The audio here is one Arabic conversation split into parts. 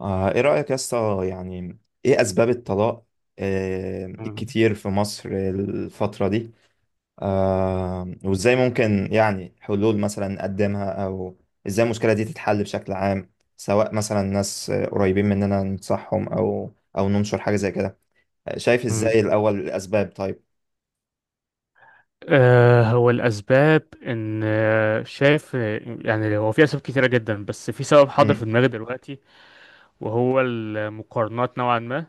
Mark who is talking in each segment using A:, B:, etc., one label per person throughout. A: ايه رأيك يا اسطى، يعني ايه اسباب الطلاق؟
B: مم.
A: الكتير في مصر الفترة دي. وازاي ممكن يعني حلول مثلا نقدمها، او ازاي المشكلة دي تتحل بشكل عام؟ سواء مثلا ناس قريبين مننا ننصحهم، او ننشر حاجة زي كده. شايف
B: مم.
A: ازاي الاول الاسباب؟ طيب.
B: هو الأسباب إن شايف يعني هو في أسباب كتيرة جدا، بس في سبب حاضر في
A: مم،
B: دماغي دلوقتي، وهو المقارنات نوعا ما.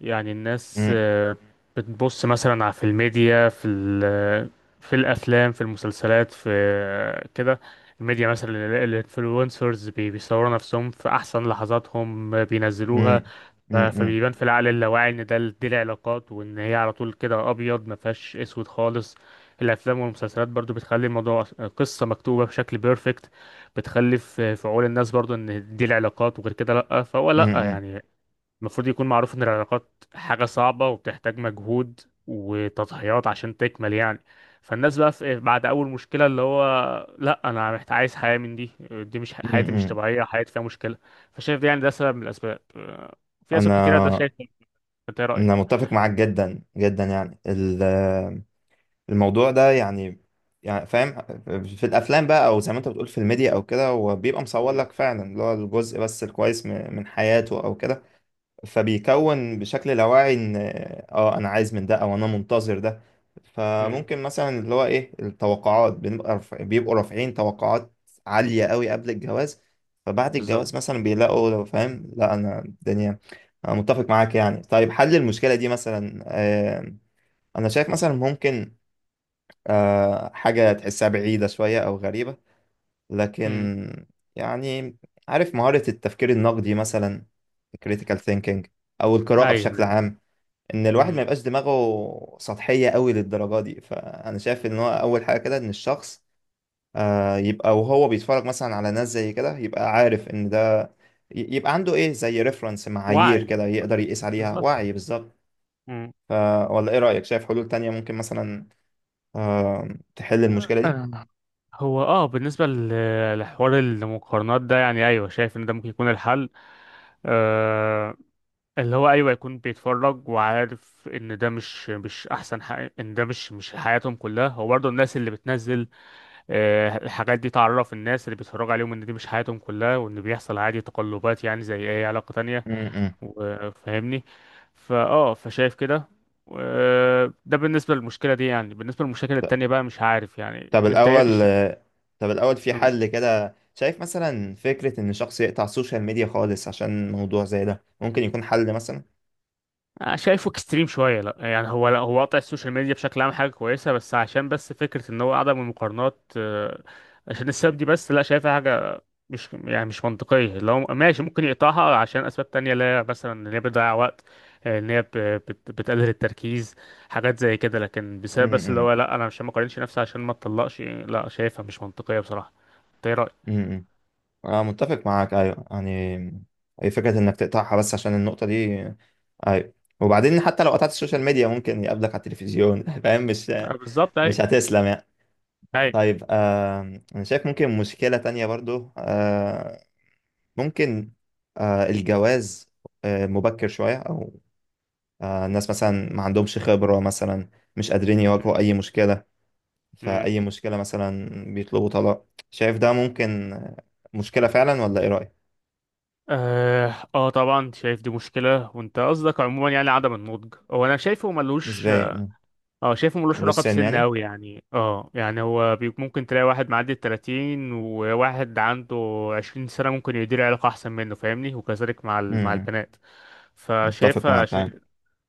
B: يعني الناس
A: مم،
B: بتبص مثلا على في الميديا، في في الأفلام في المسلسلات في كده. الميديا مثلا الانفلونسرز بيصوروا نفسهم في أحسن لحظاتهم، بينزلوها.
A: مم، مم، مم،
B: فبيبان في العقل اللاواعي ان دي العلاقات، وان هي على طول كده ابيض ما فيهاش اسود خالص. الافلام والمسلسلات برضو بتخلي الموضوع قصه مكتوبه بشكل بيرفكت، بتخلي في عقول الناس برضو ان دي العلاقات، وغير كده لا، فهو لا
A: مم،
B: يعني المفروض يكون معروف ان العلاقات حاجة صعبة وبتحتاج مجهود وتضحيات عشان تكمل يعني. فالناس بقى في بعد اول مشكلة اللي هو لا، انا محتاج عايز حياة من دي، دي مش
A: مم،
B: حياتي، مش
A: مم.
B: طبيعية، حياتي فيها مشكلة. فشايف ده يعني ده سبب من الاسباب، في اسباب كتيرة، ده
A: انا
B: شايف إيه؟ انت ايه
A: انا
B: رأيك؟
A: متفق معاك جدا جدا، يعني الموضوع ده، يعني فاهم. في الافلام بقى، او زي ما انت بتقول في الميديا او كده، هو بيبقى مصور
B: مم.
A: لك فعلا اللي هو الجزء بس الكويس من حياته او كده. فبيكون بشكل لاواعي ان اه انا عايز من ده، او انا منتظر ده.
B: مم.
A: فممكن مثلا اللي هو ايه التوقعات، بيبقوا رافعين توقعات عالية قوي قبل الجواز. فبعد الجواز
B: بالظبط.
A: مثلا بيلاقوا، لو فاهم، لا انا الدنيا. انا متفق معاك يعني. طيب حل المشكلة دي مثلا، انا شايف مثلا ممكن، حاجة تحسها بعيدة شوية أو غريبة،
B: مم.
A: لكن يعني، عارف مهارة التفكير النقدي مثلا، critical thinking، أو القراءة بشكل
B: ايوه.
A: عام، إن الواحد ما
B: مم.
A: يبقاش دماغه سطحية قوي للدرجة دي. فأنا شايف إن هو أول حاجة كده إن الشخص يبقى وهو بيتفرج مثلا على ناس زي كده، يبقى عارف إن ده، يبقى عنده إيه زي ريفرنس، معايير
B: وعي،
A: كده يقدر يقيس عليها،
B: بالظبط.
A: وعي بالظبط.
B: مم.
A: ف- ولا إيه رأيك؟ شايف حلول تانية ممكن مثلا آه، تحل المشكلة
B: آه. هو بالنسبة لحوار المقارنات ده. يعني ايوه، شايف ان ده ممكن يكون الحل اللي هو ايوه، يكون بيتفرج وعارف ان ده مش احسن حاجه، ان ده مش حياتهم كلها. هو برضه الناس اللي بتنزل الحاجات دي تعرف الناس اللي بيتفرجوا عليهم ان دي مش حياتهم كلها، وان بيحصل عادي تقلبات، يعني زي اي علاقه تانية
A: دي؟
B: وفاهمني. فشايف كده. ده بالنسبه للمشكله دي يعني. بالنسبه للمشاكل التانية بقى مش عارف، يعني
A: طب
B: انت
A: الأول،
B: إيه-؟
A: في حل كده، شايف مثلا فكرة إن شخص يقطع السوشيال ميديا خالص عشان موضوع زي ده ممكن يكون حل مثلا؟
B: شايفه اكستريم شويه، لا يعني هو، لا، هو قطع السوشيال ميديا بشكل عام حاجه كويسه، بس عشان بس فكره ان هو عدم المقارنات عشان السبب دي بس، لا، شايفها حاجه مش يعني مش منطقيه. لو ماشي ممكن يقطعها عشان اسباب تانية، لا، مثلا ان هي بتضيع وقت، ان هي بتقلل التركيز، حاجات زي كده. لكن بسبب بس اللي
A: امم
B: هو لا، انا مش ما اقارنش نفسي عشان ما اتطلقش، لا، شايفها مش منطقيه بصراحه. إنت ايه رايك؟
A: امم أنا متفق معاك، أيوه، يعني أي فكرة إنك تقطعها بس عشان النقطة دي. أيوه. وبعدين، حتى لو قطعت السوشيال ميديا، ممكن يقابلك على التلفزيون فاهم؟ مش
B: بالظبط. اي.
A: مش هتسلم يعني. طيب أنا شايف ممكن مشكلة تانية برضو، ممكن الجواز مبكر شوية، أو الناس مثلا ما عندهمش خبرة مثلا، مش قادرين
B: اي.
A: يواجهوا أي مشكلة. فأي مشكلة مثلا بيطلبوا طلاق. شايف ده ممكن مشكلة فعلا، ولا إيه رأيك؟
B: اه طبعا شايف دي مشكلة. وانت قصدك عموما يعني عدم النضج. هو انا شايفه ملوش،
A: نسبيا. مم.
B: اه شايفه ملوش علاقة
A: والسن
B: بسن
A: يعني؟
B: اوي يعني. اه يعني هو ممكن تلاقي واحد معدي الـ30 وواحد عنده 20 سنة ممكن يدير علاقة احسن منه، فاهمني. وكذلك مع مع
A: مم.
B: البنات
A: متفق
B: فشايفها.
A: معاك يعني.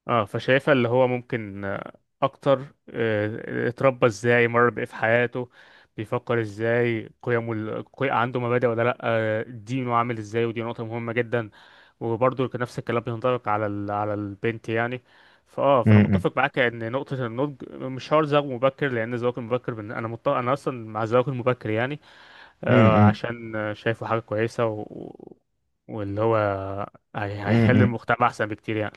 B: اه، فشايفها اللي هو ممكن اكتر اتربى ازاي، مر بايه في حياته، بيفكر ازاي، قيمه عنده مبادئ ولا لا، دينه عامل ازاي. ودي نقطة مهمة جدا. وبرضه كان نفس الكلام بينطبق على على البنت يعني. فانا
A: مم.
B: متفق معاك ان نقطة النضج مش شرط زواج مبكر، لان الزواج المبكر انا اصلا مع الزواج المبكر يعني،
A: مم.
B: عشان شايفه حاجة كويسة واللي هو هيخلي
A: مم.
B: المجتمع أحسن بكتير يعني.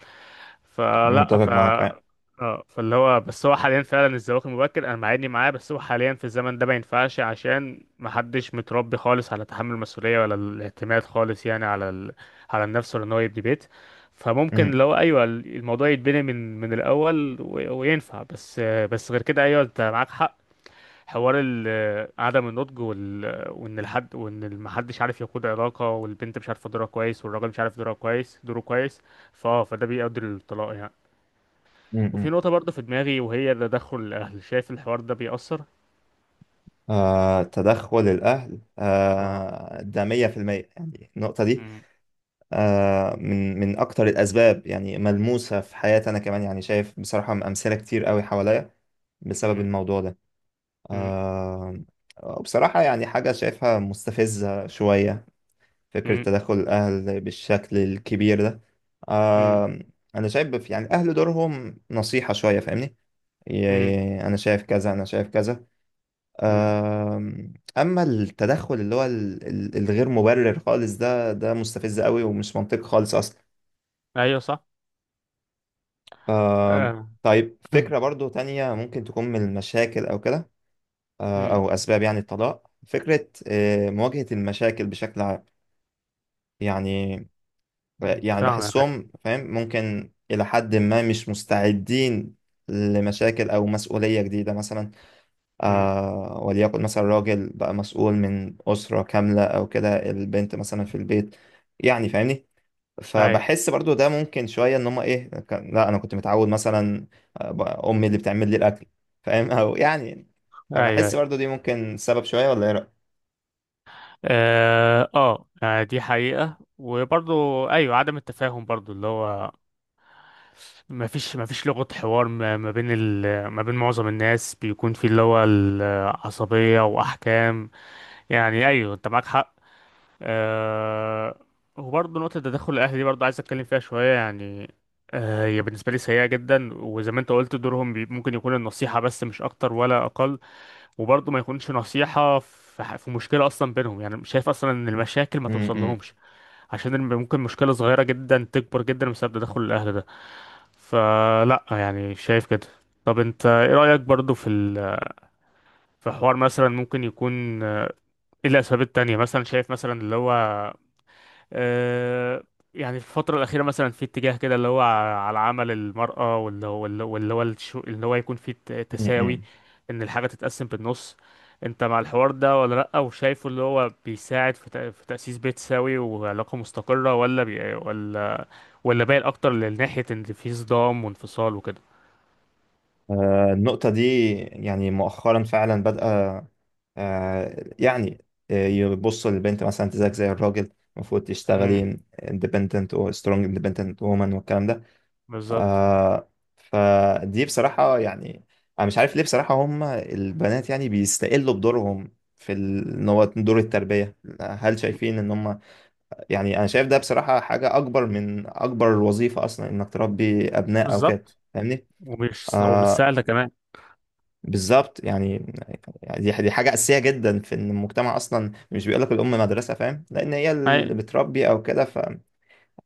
B: فلا،
A: متفق
B: ف
A: معاك يعني.
B: اه فاللي هو بس، هو حاليا فعلا الزواج المبكر انا معادني معاه، بس هو حاليا في الزمن ده ما ينفعش عشان ما حدش متربي خالص على تحمل المسؤولية ولا الاعتماد خالص يعني على على النفس، ولا ان هو يبني بيت. فممكن
A: مم.
B: لو ايوه الموضوع يتبني من الاول وينفع، بس غير كده ايوه انت معاك حق. حوار عدم النضج وان الحد وان محدش عارف يقود علاقه، والبنت مش عارفه دورها كويس، والراجل مش عارف دوره كويس. فده بيؤدي للطلاق يعني. وفي
A: مم.
B: نقطه برضه في دماغي، وهي تدخل الاهل، شايف الحوار ده بيأثر.
A: تدخل الأهل،
B: اه.
A: ده مية في المية يعني النقطة دي.
B: مم،
A: من أكتر الأسباب يعني، ملموسة في حياتي أنا كمان، يعني شايف بصراحة أمثلة كتير قوي حواليا بسبب
B: مم،
A: الموضوع ده.
B: مم،
A: آه بصراحة يعني، حاجة شايفها مستفزة شوية، فكرة
B: مم،
A: تدخل الأهل بالشكل الكبير ده.
B: مم،
A: آه أنا شايف يعني الأهل دورهم نصيحة شوية، فاهمني؟
B: مم،
A: أنا شايف كذا، أنا شايف كذا.
B: مم.
A: آه أما التدخل اللي هو الغير مبرر خالص ده، مستفز قوي ومش منطقي خالص أصلا.
B: ايوه صح.
A: آه
B: آه.
A: طيب فكرة برضو تانية ممكن تكون من المشاكل أو كده، أو
B: مم،
A: أسباب يعني الطلاق، فكرة مواجهة المشاكل بشكل عام يعني.
B: مم. فاهمك أيوة.
A: بحسهم فاهم ممكن إلى حد ما مش مستعدين لمشاكل أو مسؤولية جديدة مثلا.
B: مم.
A: وليكن مثلا راجل بقى مسؤول من أسرة كاملة، أو كده البنت مثلا في البيت، يعني فاهمني.
B: ايوه
A: فبحس برضو ده ممكن شوية، إن هما إيه لا أنا كنت متعود مثلا، أمي اللي بتعمل لي الأكل، فاهم؟ أو يعني،
B: ايوه. ايوه.
A: فبحس برضو دي ممكن سبب شوية، ولا إيه رأيك؟
B: يعني دي حقيقة. وبرضو ايوه عدم التفاهم برضو اللي هو ما فيش لغة حوار، ما بين ما بين معظم الناس بيكون في اللي هو العصبية وأحكام، يعني أيوه أنت معاك حق. أه... وبرضه نقطة تدخل الأهل دي برضه عايز أتكلم فيها شوية يعني. هي بالنسبة لي سيئة جدا، وزي ما أنت قلت دورهم ممكن يكون النصيحة بس، مش أكتر ولا أقل. وبرضه ما يكونش نصيحة في مشكلة أصلا بينهم، يعني مش شايف أصلا إن المشاكل ما
A: م-
B: توصل
A: م-
B: لهمش. عشان ممكن مشكلة صغيرة جدا تكبر جدا بسبب تدخل الأهل ده. فلا يعني، شايف كده. طب انت ايه رأيك برضو في في حوار مثلا ممكن يكون ايه الاسباب التانية مثلا، شايف مثلا اللي هو آه يعني في الفترة الأخيرة مثلا في اتجاه كده اللي هو على عمل المرأة، اللي هو يكون في
A: م-
B: تساوي،
A: م.
B: ان الحاجة تتقسم بالنص. انت مع الحوار ده ولا لأ؟ وشايفه اللي هو بيساعد في في تأسيس بيت سوي وعلاقة مستقرة، ولا ولا بايل اكتر لناحية ان في صدام وانفصال وكده.
A: النقطة دي يعني مؤخرا فعلا بدأ، يعني يبصوا للبنت مثلا، انت زيك زي الراجل، المفروض تشتغلي independent و strong independent woman والكلام ده.
B: بالظبط.
A: آه، فدي بصراحة يعني، أنا مش عارف ليه بصراحة، هم البنات يعني بيستقلوا بدورهم في ان هو دور التربية. هل شايفين ان هم، يعني انا شايف ده بصراحة حاجة اكبر من اكبر وظيفة اصلا، انك تربي ابناء او كده،
B: بالظبط.
A: فاهمني؟
B: ومش
A: آه،
B: سهلة كمان.
A: بالظبط يعني، دي حاجة أساسية جدا، في إن المجتمع أصلا مش بيقولك الأم مدرسة، فاهم؟ لأن هي
B: أي.
A: اللي بتربي أو كده.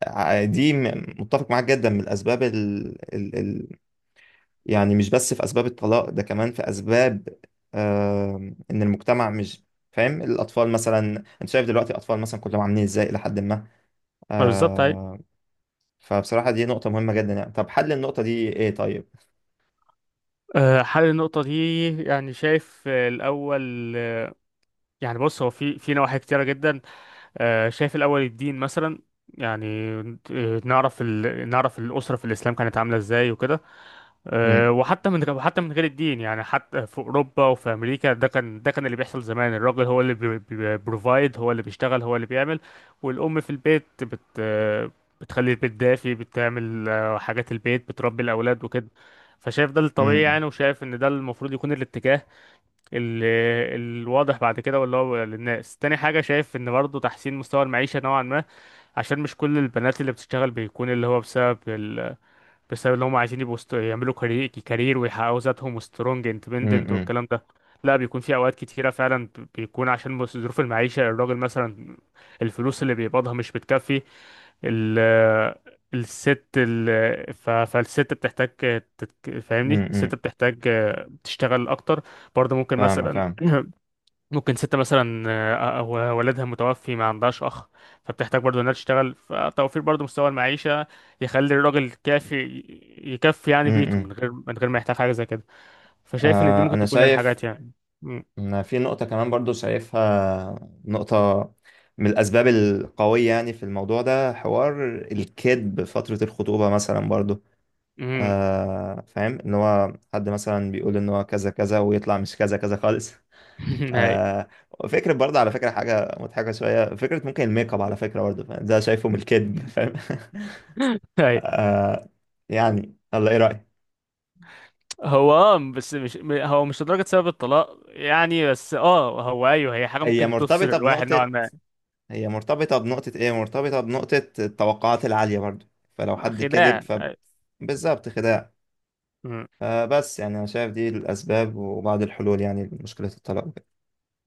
A: فدي متفق معاك جدا من الأسباب يعني مش بس في أسباب الطلاق ده، كمان في أسباب، إن المجتمع مش فاهم الأطفال مثلا. أنت شايف دلوقتي الأطفال مثلا كلهم عاملين إزاي إلى حد ما.
B: ما بالظبط. أي.
A: آه، فبصراحة دي نقطة مهمة جدا يعني. طب حل النقطة دي إيه طيب؟
B: حل النقطة دي، يعني شايف الأول، يعني بص هو في نواحي كتيرة جدا. شايف الأول الدين مثلا، يعني نعرف نعرف الأسرة في الإسلام كانت عاملة إزاي وكده.
A: م-
B: وحتى من غير الدين يعني، حتى في اوروبا وفي امريكا، ده كان، اللي بيحصل زمان الراجل هو اللي بروفايد، هو اللي بيشتغل، هو اللي بيعمل. والام في البيت بت أه، بتخلي البيت دافي، بتعمل حاجات البيت، بتربي الاولاد وكده. فشايف ده الطبيعي
A: م-
B: يعني، وشايف ان ده المفروض يكون الاتجاه ال- الواضح بعد كده واللي هو للناس. تاني حاجة شايف ان برضه تحسين مستوى المعيشة نوعا ما، عشان مش كل البنات اللي بتشتغل بيكون اللي هو بسبب ان هم عايزين يبقوا يعملوا كارير كارير ويحققوا ذاتهم وسترونج
A: م-
B: اندبندنت
A: م-
B: والكلام ده. لا، بيكون في اوقات كتيره فعلا بيكون عشان ظروف المعيشه. الراجل مثلا الفلوس اللي بيقبضها مش بتكفي، ال الست ال ف- فالست بتحتاج
A: م-
B: فاهمني، الست
A: م-
B: بتحتاج تشتغل اكتر. برضه ممكن
A: فاهمة
B: مثلا،
A: فاهمة.
B: ممكن ست مثلا أو والدها متوفي ما عندهاش أخ، فبتحتاج برضو إنها تشتغل، فتوفير برضو مستوى المعيشة يخلي الراجل يكفي
A: م-
B: يعني بيته،
A: م.
B: من غير ما يحتاج حاجة زي كده. فشايف إن دي ممكن
A: أنا
B: تكون
A: شايف
B: الحاجات يعني. م-
A: إن في نقطة كمان برضو، شايفها نقطة من الأسباب القوية يعني في الموضوع ده، حوار الكذب فترة الخطوبة مثلا برضو.
B: م-
A: فاهم إن هو حد مثلا بيقول إن هو كذا كذا، ويطلع مش كذا كذا خالص.
B: هاي
A: آه، فكرة برضه، على فكرة حاجة مضحكة شوية، فكرة ممكن الميك اب، على فكرة برضه فاهم؟ ده شايفه من الكذب، فاهم؟
B: هاي.
A: يعني الله، إيه رأيك؟
B: هو بس مش هو مش لدرجة سبب الطلاق يعني، بس هو أيوه، هي حاجة
A: هي
B: ممكن تفصل
A: مرتبطة
B: الواحد نوعا
A: بنقطة
B: ما.
A: هي مرتبطة بنقطة ايه، مرتبطة بنقطة التوقعات العالية برضو. فلو حد كذب
B: خداع.
A: بالظبط، خداع. فبس يعني انا شايف دي الاسباب وبعض الحلول يعني لمشكلة الطلاق.